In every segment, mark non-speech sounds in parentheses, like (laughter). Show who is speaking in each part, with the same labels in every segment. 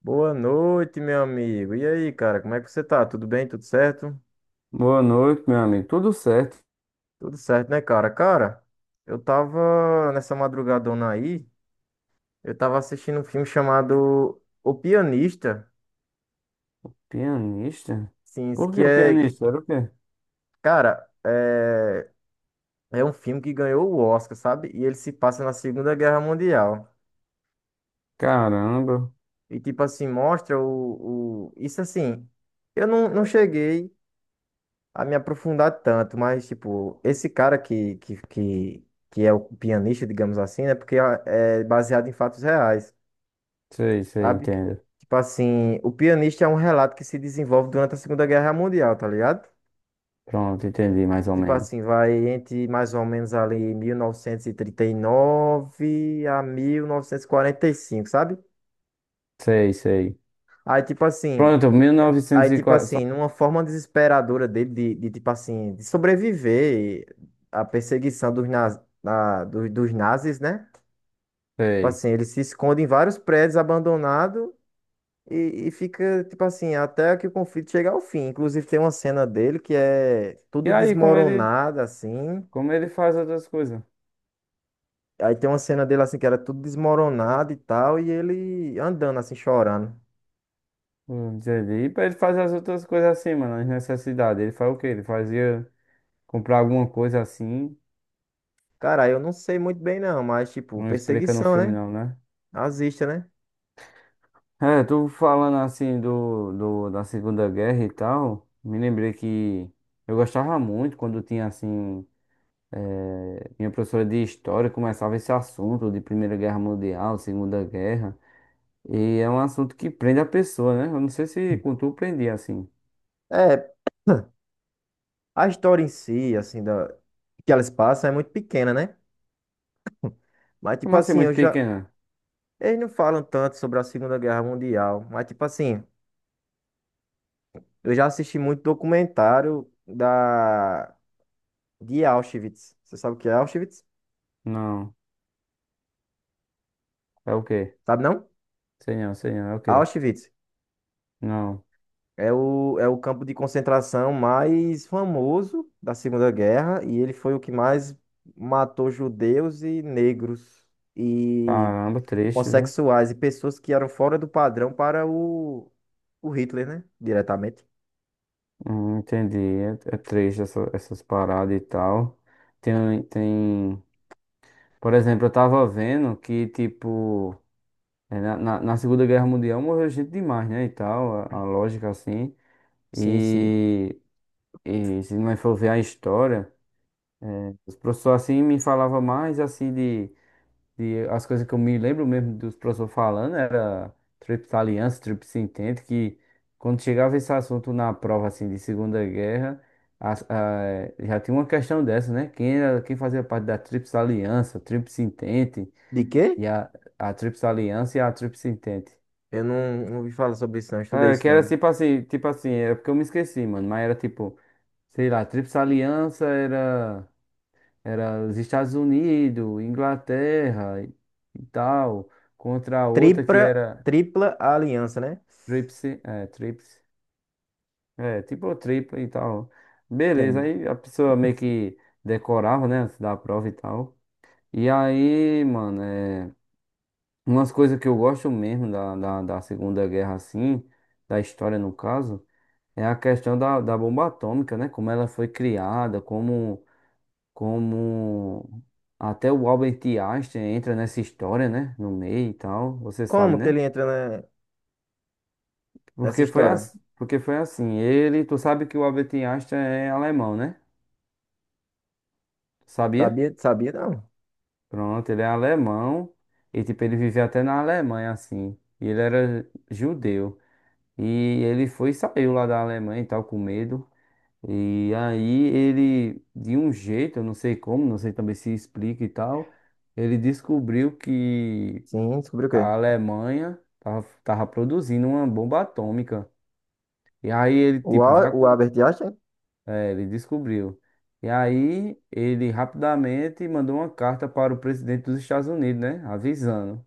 Speaker 1: Boa noite, meu amigo. E aí, cara, como é que você tá? Tudo bem? Tudo certo?
Speaker 2: Boa noite, meu amigo. Tudo certo?
Speaker 1: Tudo certo, né, cara? Cara, eu tava nessa madrugadona aí, eu tava assistindo um filme chamado O Pianista,
Speaker 2: Pianista?
Speaker 1: sim,
Speaker 2: Por que o pianista? Era o quê?
Speaker 1: cara, é um filme que ganhou o Oscar, sabe? E ele se passa na Segunda Guerra Mundial.
Speaker 2: Caramba.
Speaker 1: E tipo assim, mostra o... isso assim, eu não cheguei a me aprofundar tanto, mas, tipo, esse cara que é o pianista, digamos assim, né? Porque é baseado em fatos reais,
Speaker 2: Sei, sei,
Speaker 1: sabe?
Speaker 2: entendo.
Speaker 1: Tipo assim, o pianista é um relato que se desenvolve durante a Segunda Guerra Mundial, tá ligado?
Speaker 2: Pronto, entendi mais ou
Speaker 1: Tipo
Speaker 2: menos.
Speaker 1: assim, vai entre mais ou menos ali 1939 a 1945, sabe?
Speaker 2: Sei, sei.
Speaker 1: Aí, tipo assim,
Speaker 2: Pronto,
Speaker 1: Aí, tipo
Speaker 2: 1904.
Speaker 1: assim, numa forma desesperadora dele tipo assim, de sobreviver à perseguição dos dos nazis, né? Tipo
Speaker 2: Sei.
Speaker 1: assim, ele se esconde em vários prédios abandonados e fica, tipo assim, até que o conflito chegue ao fim. Inclusive, tem uma cena dele que é
Speaker 2: E
Speaker 1: tudo
Speaker 2: aí,
Speaker 1: desmoronado, assim.
Speaker 2: como ele faz outras coisas?
Speaker 1: Aí tem uma cena dele, assim, que era tudo desmoronado e tal, e ele andando, assim, chorando.
Speaker 2: Entendi. E pra ele fazer as outras coisas assim, mano, as necessidades. Ele faz o quê? Ele fazia comprar alguma coisa assim.
Speaker 1: Cara, eu não sei muito bem, não, mas, tipo,
Speaker 2: Não explica no
Speaker 1: perseguição,
Speaker 2: filme,
Speaker 1: né?
Speaker 2: não, né?
Speaker 1: Nazista, né?
Speaker 2: É, tu falando assim da Segunda Guerra e tal, me lembrei que eu gostava muito quando tinha assim, minha professora de história começava esse assunto de Primeira Guerra Mundial, Segunda Guerra, e é um assunto que prende a pessoa, né? Eu não sei se com tu prendia assim.
Speaker 1: É, a história em si, assim, que elas passam é muito pequena, né? Mas, tipo
Speaker 2: Como assim,
Speaker 1: assim, eu
Speaker 2: muito
Speaker 1: já.
Speaker 2: pequena?
Speaker 1: Eles não falam tanto sobre a Segunda Guerra Mundial, mas, tipo assim, eu já assisti muito documentário da... de Auschwitz. Você sabe o que é Auschwitz?
Speaker 2: Não, é o quê?
Speaker 1: Sabe não?
Speaker 2: Sei não, é o quê?
Speaker 1: Auschwitz.
Speaker 2: Não,
Speaker 1: É é o campo de concentração mais famoso da Segunda Guerra e ele foi o que mais matou judeus e negros e
Speaker 2: caramba, triste, viu?
Speaker 1: homossexuais e pessoas que eram fora do padrão para o Hitler, né? Diretamente.
Speaker 2: Entendi, é triste essas paradas e tal. Tem, tem. Por exemplo, eu tava vendo que, tipo, é, na Segunda Guerra Mundial morreu gente demais, né? E tal, a lógica assim.
Speaker 1: Sim, sim.
Speaker 2: E, e se não for ver a história, os professores assim me falavam mais assim de as coisas que eu me lembro mesmo dos professores falando, era Tríplice Aliança, Tríplice Entente, que quando chegava esse assunto na prova assim de Segunda Guerra, já tinha uma questão dessa, né? Quem era, quem fazia parte da Tríplice Aliança, Tríplice Entente.
Speaker 1: De quê?
Speaker 2: E a Tríplice Aliança e a Tríplice Entente.
Speaker 1: Eu não ouvi falar sobre isso, não. Estudei
Speaker 2: Ah,
Speaker 1: isso,
Speaker 2: que era
Speaker 1: não.
Speaker 2: tipo assim, é porque eu me esqueci, mano. Mas era tipo, sei lá, Tríplice Aliança era, era os Estados Unidos, Inglaterra e tal, contra a outra que
Speaker 1: Tripla,
Speaker 2: era
Speaker 1: tripla aliança, né?
Speaker 2: Tríplice, é, tipo tripla e tal. Beleza,
Speaker 1: Entendi.
Speaker 2: aí a pessoa meio que decorava, né, antes da prova e tal. E aí, mano, é. Umas coisas que eu gosto mesmo da Segunda Guerra, assim, da história no caso, é a questão da bomba atômica, né? Como ela foi criada, como até o Albert Einstein entra nessa história, né? No meio e tal, você sabe,
Speaker 1: Como que
Speaker 2: né?
Speaker 1: ele entra na- nessa
Speaker 2: Porque foi,
Speaker 1: história?
Speaker 2: as, porque foi assim, ele, tu sabe que o Albert Einstein é alemão, né? Sabia?
Speaker 1: Sabia, sabia, não.
Speaker 2: Pronto, ele é alemão e, tipo, ele vivia até na Alemanha, assim, e ele era judeu. E ele foi e saiu lá da Alemanha e tal, com medo. E aí ele, de um jeito, eu não sei como, não sei também se explica e tal, ele descobriu que
Speaker 1: Sim, descobriu o quê?
Speaker 2: a Alemanha tava produzindo uma bomba atômica. E aí ele, tipo, já.
Speaker 1: O
Speaker 2: que-
Speaker 1: Albert Einstein?
Speaker 2: É, ele descobriu. E aí ele rapidamente mandou uma carta para o presidente dos Estados Unidos, né? Avisando.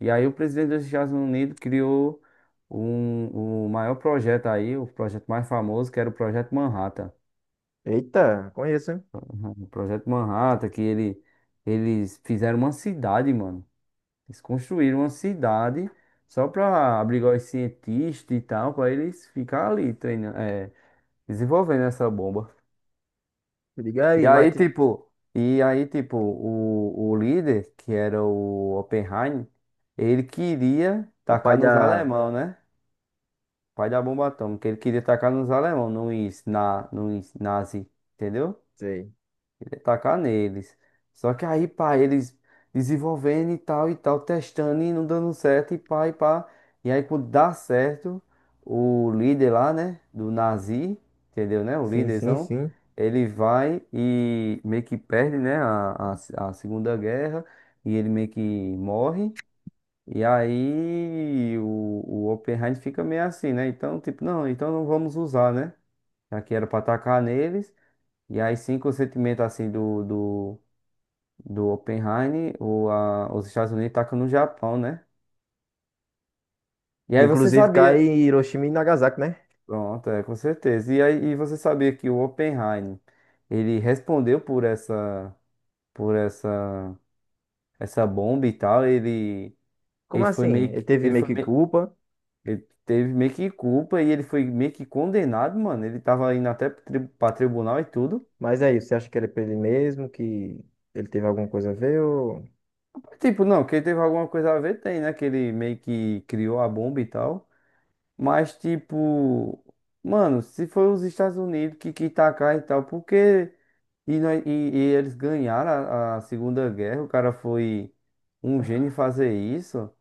Speaker 2: E aí o presidente dos Estados Unidos criou o maior projeto aí, o projeto mais famoso, que era o Projeto Manhattan.
Speaker 1: Eita, conheço, hein?
Speaker 2: Uhum. O Projeto Manhattan, que eles fizeram uma cidade, mano. Eles construíram uma cidade só para abrigar os cientistas e tal, para eles ficar ali treinando, desenvolvendo essa bomba.
Speaker 1: Se Liga
Speaker 2: E
Speaker 1: aí,
Speaker 2: aí,
Speaker 1: Mate,
Speaker 2: tipo, e aí, tipo, o líder, que era o Oppenheimer, ele queria
Speaker 1: o pai
Speaker 2: tacar nos
Speaker 1: da.
Speaker 2: alemão, né? Pai da bomba atômica. Ele queria tacar nos alemão, nos nazi, entendeu?
Speaker 1: Sei.
Speaker 2: Ele ia tacar neles. Só que aí, pá, eles desenvolvendo e tal, testando e não dando certo, e pá, e pá. E aí, quando dá certo, o líder lá, né, do nazi, entendeu, né? O
Speaker 1: Sim, sim,
Speaker 2: líderzão,
Speaker 1: sim.
Speaker 2: ele vai e meio que perde, né, a Segunda Guerra, e ele meio que morre. E aí o Oppenheim fica meio assim, né? Então, tipo, não, então não vamos usar, né? Já que era pra atacar neles. E aí sim, com o sentimento assim do Oppenheim, os Estados Unidos tacam no Japão, né? E
Speaker 1: Que
Speaker 2: aí você
Speaker 1: inclusive cai
Speaker 2: sabia.
Speaker 1: em Hiroshima e Nagasaki, né?
Speaker 2: Pronto, é, com certeza. E aí e você sabia que o Oppenheim, ele respondeu por essa, essa bomba e tal. Ele,
Speaker 1: Como
Speaker 2: ele foi
Speaker 1: assim?
Speaker 2: meio,
Speaker 1: Ele
Speaker 2: que-
Speaker 1: teve
Speaker 2: ele
Speaker 1: meio
Speaker 2: foi
Speaker 1: que
Speaker 2: meio
Speaker 1: culpa,
Speaker 2: Ele teve meio que culpa e ele foi meio que condenado, mano. Ele tava indo até pra tribunal e tudo.
Speaker 1: mas é isso. Você acha que ele é pra ele mesmo? Que ele teve alguma coisa a ver? Ou...
Speaker 2: Tipo, não, que ele teve alguma coisa a ver, tem, né? Que ele meio que criou a bomba e tal. Mas, tipo, mano, se foi os Estados Unidos que quis tacar e tal, porque. E eles ganharam a Segunda Guerra, o cara foi um gênio em fazer isso.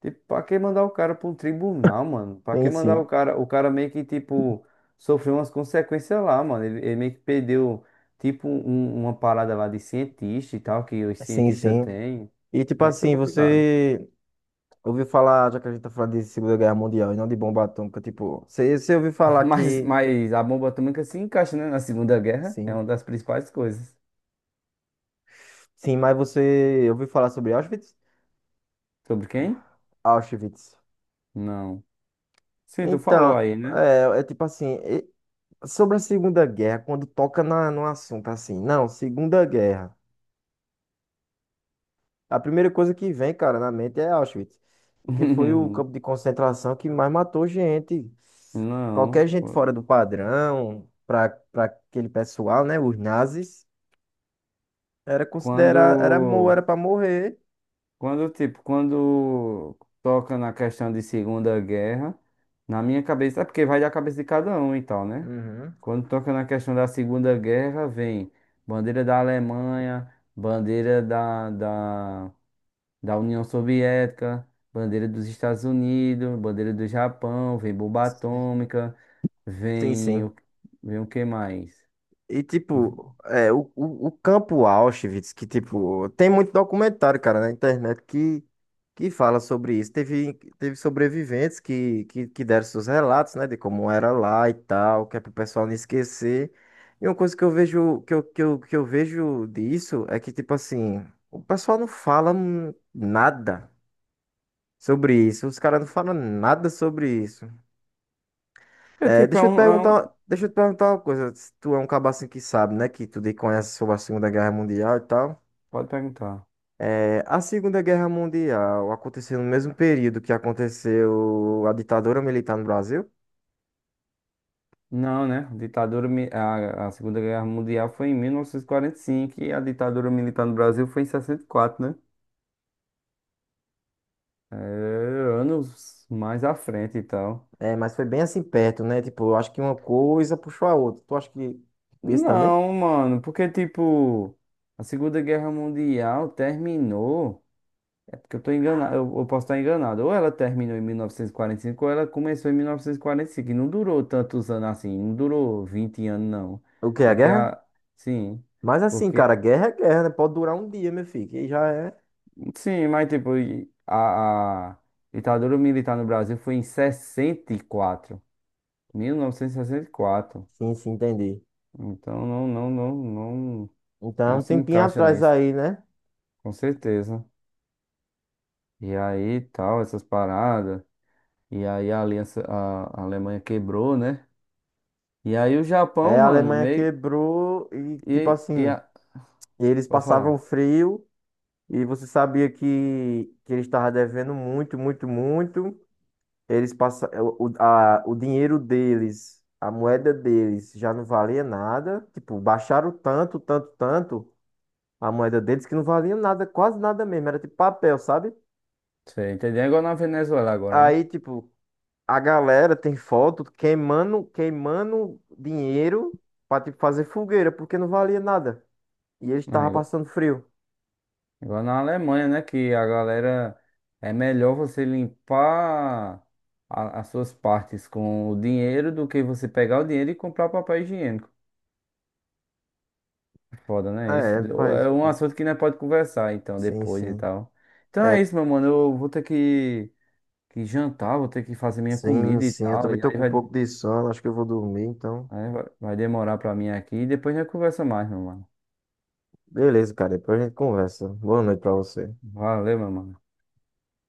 Speaker 2: Tipo, pra que mandar o cara pra um tribunal, mano? Pra
Speaker 1: Sim,
Speaker 2: que mandar o
Speaker 1: sim.
Speaker 2: cara? O cara meio que, tipo, sofreu umas consequências lá, mano. Ele meio que perdeu, tipo, uma parada lá de cientista e tal, que os
Speaker 1: Sim,
Speaker 2: cientistas
Speaker 1: sim.
Speaker 2: têm.
Speaker 1: E tipo
Speaker 2: E aí foi
Speaker 1: assim,
Speaker 2: complicado.
Speaker 1: você ouviu falar, já que a gente tá falando de Segunda Guerra Mundial e não de bomba atômica, tipo, você ouviu
Speaker 2: (laughs)
Speaker 1: falar
Speaker 2: Mas,
Speaker 1: que.
Speaker 2: mas a bomba atômica se encaixa, né, na Segunda Guerra. É
Speaker 1: Sim.
Speaker 2: uma das principais coisas.
Speaker 1: Sim, mas você ouviu falar sobre Auschwitz?
Speaker 2: Sobre quem?
Speaker 1: Auschwitz.
Speaker 2: Não. Sim, tu falou
Speaker 1: Então,
Speaker 2: aí, né?
Speaker 1: é tipo assim. Sobre a Segunda Guerra, quando toca na, no assunto assim, não, Segunda Guerra. A primeira coisa que vem, cara, na mente é Auschwitz, porque foi o campo
Speaker 2: (laughs)
Speaker 1: de concentração que mais matou gente.
Speaker 2: Não.
Speaker 1: Qualquer gente fora do padrão, para aquele pessoal, né, os nazis, era considerar,
Speaker 2: Quando.
Speaker 1: era para morrer.
Speaker 2: Quando, tipo, quando toca na questão de Segunda Guerra, na minha cabeça, é porque vai da cabeça de cada um e tal, né?
Speaker 1: Uhum.
Speaker 2: Quando toca na questão da Segunda Guerra, vem bandeira da Alemanha, bandeira da União Soviética, bandeira dos Estados Unidos, bandeira do Japão, vem bomba atômica,
Speaker 1: Sim,
Speaker 2: vem
Speaker 1: sim.
Speaker 2: o, vem o que mais?
Speaker 1: E, tipo, o campo Auschwitz, que, tipo, tem muito documentário, cara, na internet que fala sobre isso. Teve sobreviventes que deram seus relatos, né, de como era lá e tal, que é pro pessoal não esquecer. E uma coisa que eu vejo, que eu vejo disso é que, tipo assim, o pessoal não fala nada sobre isso. Os caras não falam nada sobre isso.
Speaker 2: É
Speaker 1: É,
Speaker 2: tipo, é um...
Speaker 1: deixa eu te perguntar uma coisa. Se tu é um cabo assim que sabe, né? Que tu conhece sobre a Segunda Guerra Mundial e tal.
Speaker 2: Pode perguntar.
Speaker 1: É, a Segunda Guerra Mundial aconteceu no mesmo período que aconteceu a ditadura militar no Brasil.
Speaker 2: Não, né? A Segunda Guerra Mundial foi em mil novecentos e quarenta e cinco e a ditadura militar no Brasil foi em 64, né? É, anos mais à frente e tal.
Speaker 1: É, mas foi bem assim perto, né? Tipo, eu acho que uma coisa puxou a outra. Tu acha que isso também?
Speaker 2: Não, mano, porque tipo, a Segunda Guerra Mundial terminou. É porque eu tô enganado, eu posso estar enganado. Ou ela terminou em 1945 ou ela começou em mil novecentos e quarenta e cinco e não durou tantos anos assim, não durou 20 anos, não.
Speaker 1: O que é a
Speaker 2: Porque
Speaker 1: guerra?
Speaker 2: a. Sim.
Speaker 1: Mas assim, cara,
Speaker 2: Porque.
Speaker 1: guerra é guerra, né? Pode durar um dia, meu filho. Que já é.
Speaker 2: Sim, mas tipo, a ditadura militar no Brasil foi em sessenta e quatro, 1964.
Speaker 1: Sim, sim, entendi.
Speaker 2: Então não, não, não, não,
Speaker 1: Então,
Speaker 2: não
Speaker 1: um
Speaker 2: se
Speaker 1: tempinho
Speaker 2: encaixa
Speaker 1: atrás
Speaker 2: nisso,
Speaker 1: aí, né?
Speaker 2: com certeza. E aí tal, essas paradas. E aí a aliança, a Alemanha quebrou, né? E aí o Japão,
Speaker 1: É, a
Speaker 2: mano,
Speaker 1: Alemanha
Speaker 2: meio.
Speaker 1: quebrou e, tipo
Speaker 2: E
Speaker 1: assim.
Speaker 2: a,
Speaker 1: E eles
Speaker 2: pode
Speaker 1: passavam
Speaker 2: falar.
Speaker 1: frio e você sabia que eles estavam devendo muito, muito, muito. Eles passa, o dinheiro deles, a moeda deles já não valia nada. Tipo, baixaram tanto, tanto, tanto a moeda deles que não valia nada, quase nada mesmo. Era tipo papel, sabe?
Speaker 2: Você entendeu? É igual na Venezuela agora,
Speaker 1: Aí, tipo, a galera tem foto queimando, queimando dinheiro pra, tipo, fazer fogueira, porque não valia nada. E eles estavam
Speaker 2: né?
Speaker 1: passando frio.
Speaker 2: Igual na Alemanha, né? Que a galera é melhor você limpar as suas partes com o dinheiro do que você pegar o dinheiro e comprar papel higiênico. É foda, né? Isso
Speaker 1: É, faz.
Speaker 2: é um assunto que nós pode conversar então
Speaker 1: Sim,
Speaker 2: depois e
Speaker 1: sim.
Speaker 2: tal. Então
Speaker 1: É,
Speaker 2: é isso, meu mano. Eu vou ter que jantar, vou ter que fazer minha
Speaker 1: sim,
Speaker 2: comida e
Speaker 1: sim, eu
Speaker 2: tal.
Speaker 1: também
Speaker 2: E
Speaker 1: tô
Speaker 2: aí
Speaker 1: com um
Speaker 2: vai,
Speaker 1: pouco de sono, acho que eu vou dormir, então.
Speaker 2: aí vai vai demorar pra mim aqui. E depois a gente conversa mais, meu mano.
Speaker 1: Beleza, cara, depois a gente conversa. Boa noite pra você.
Speaker 2: Valeu, meu mano.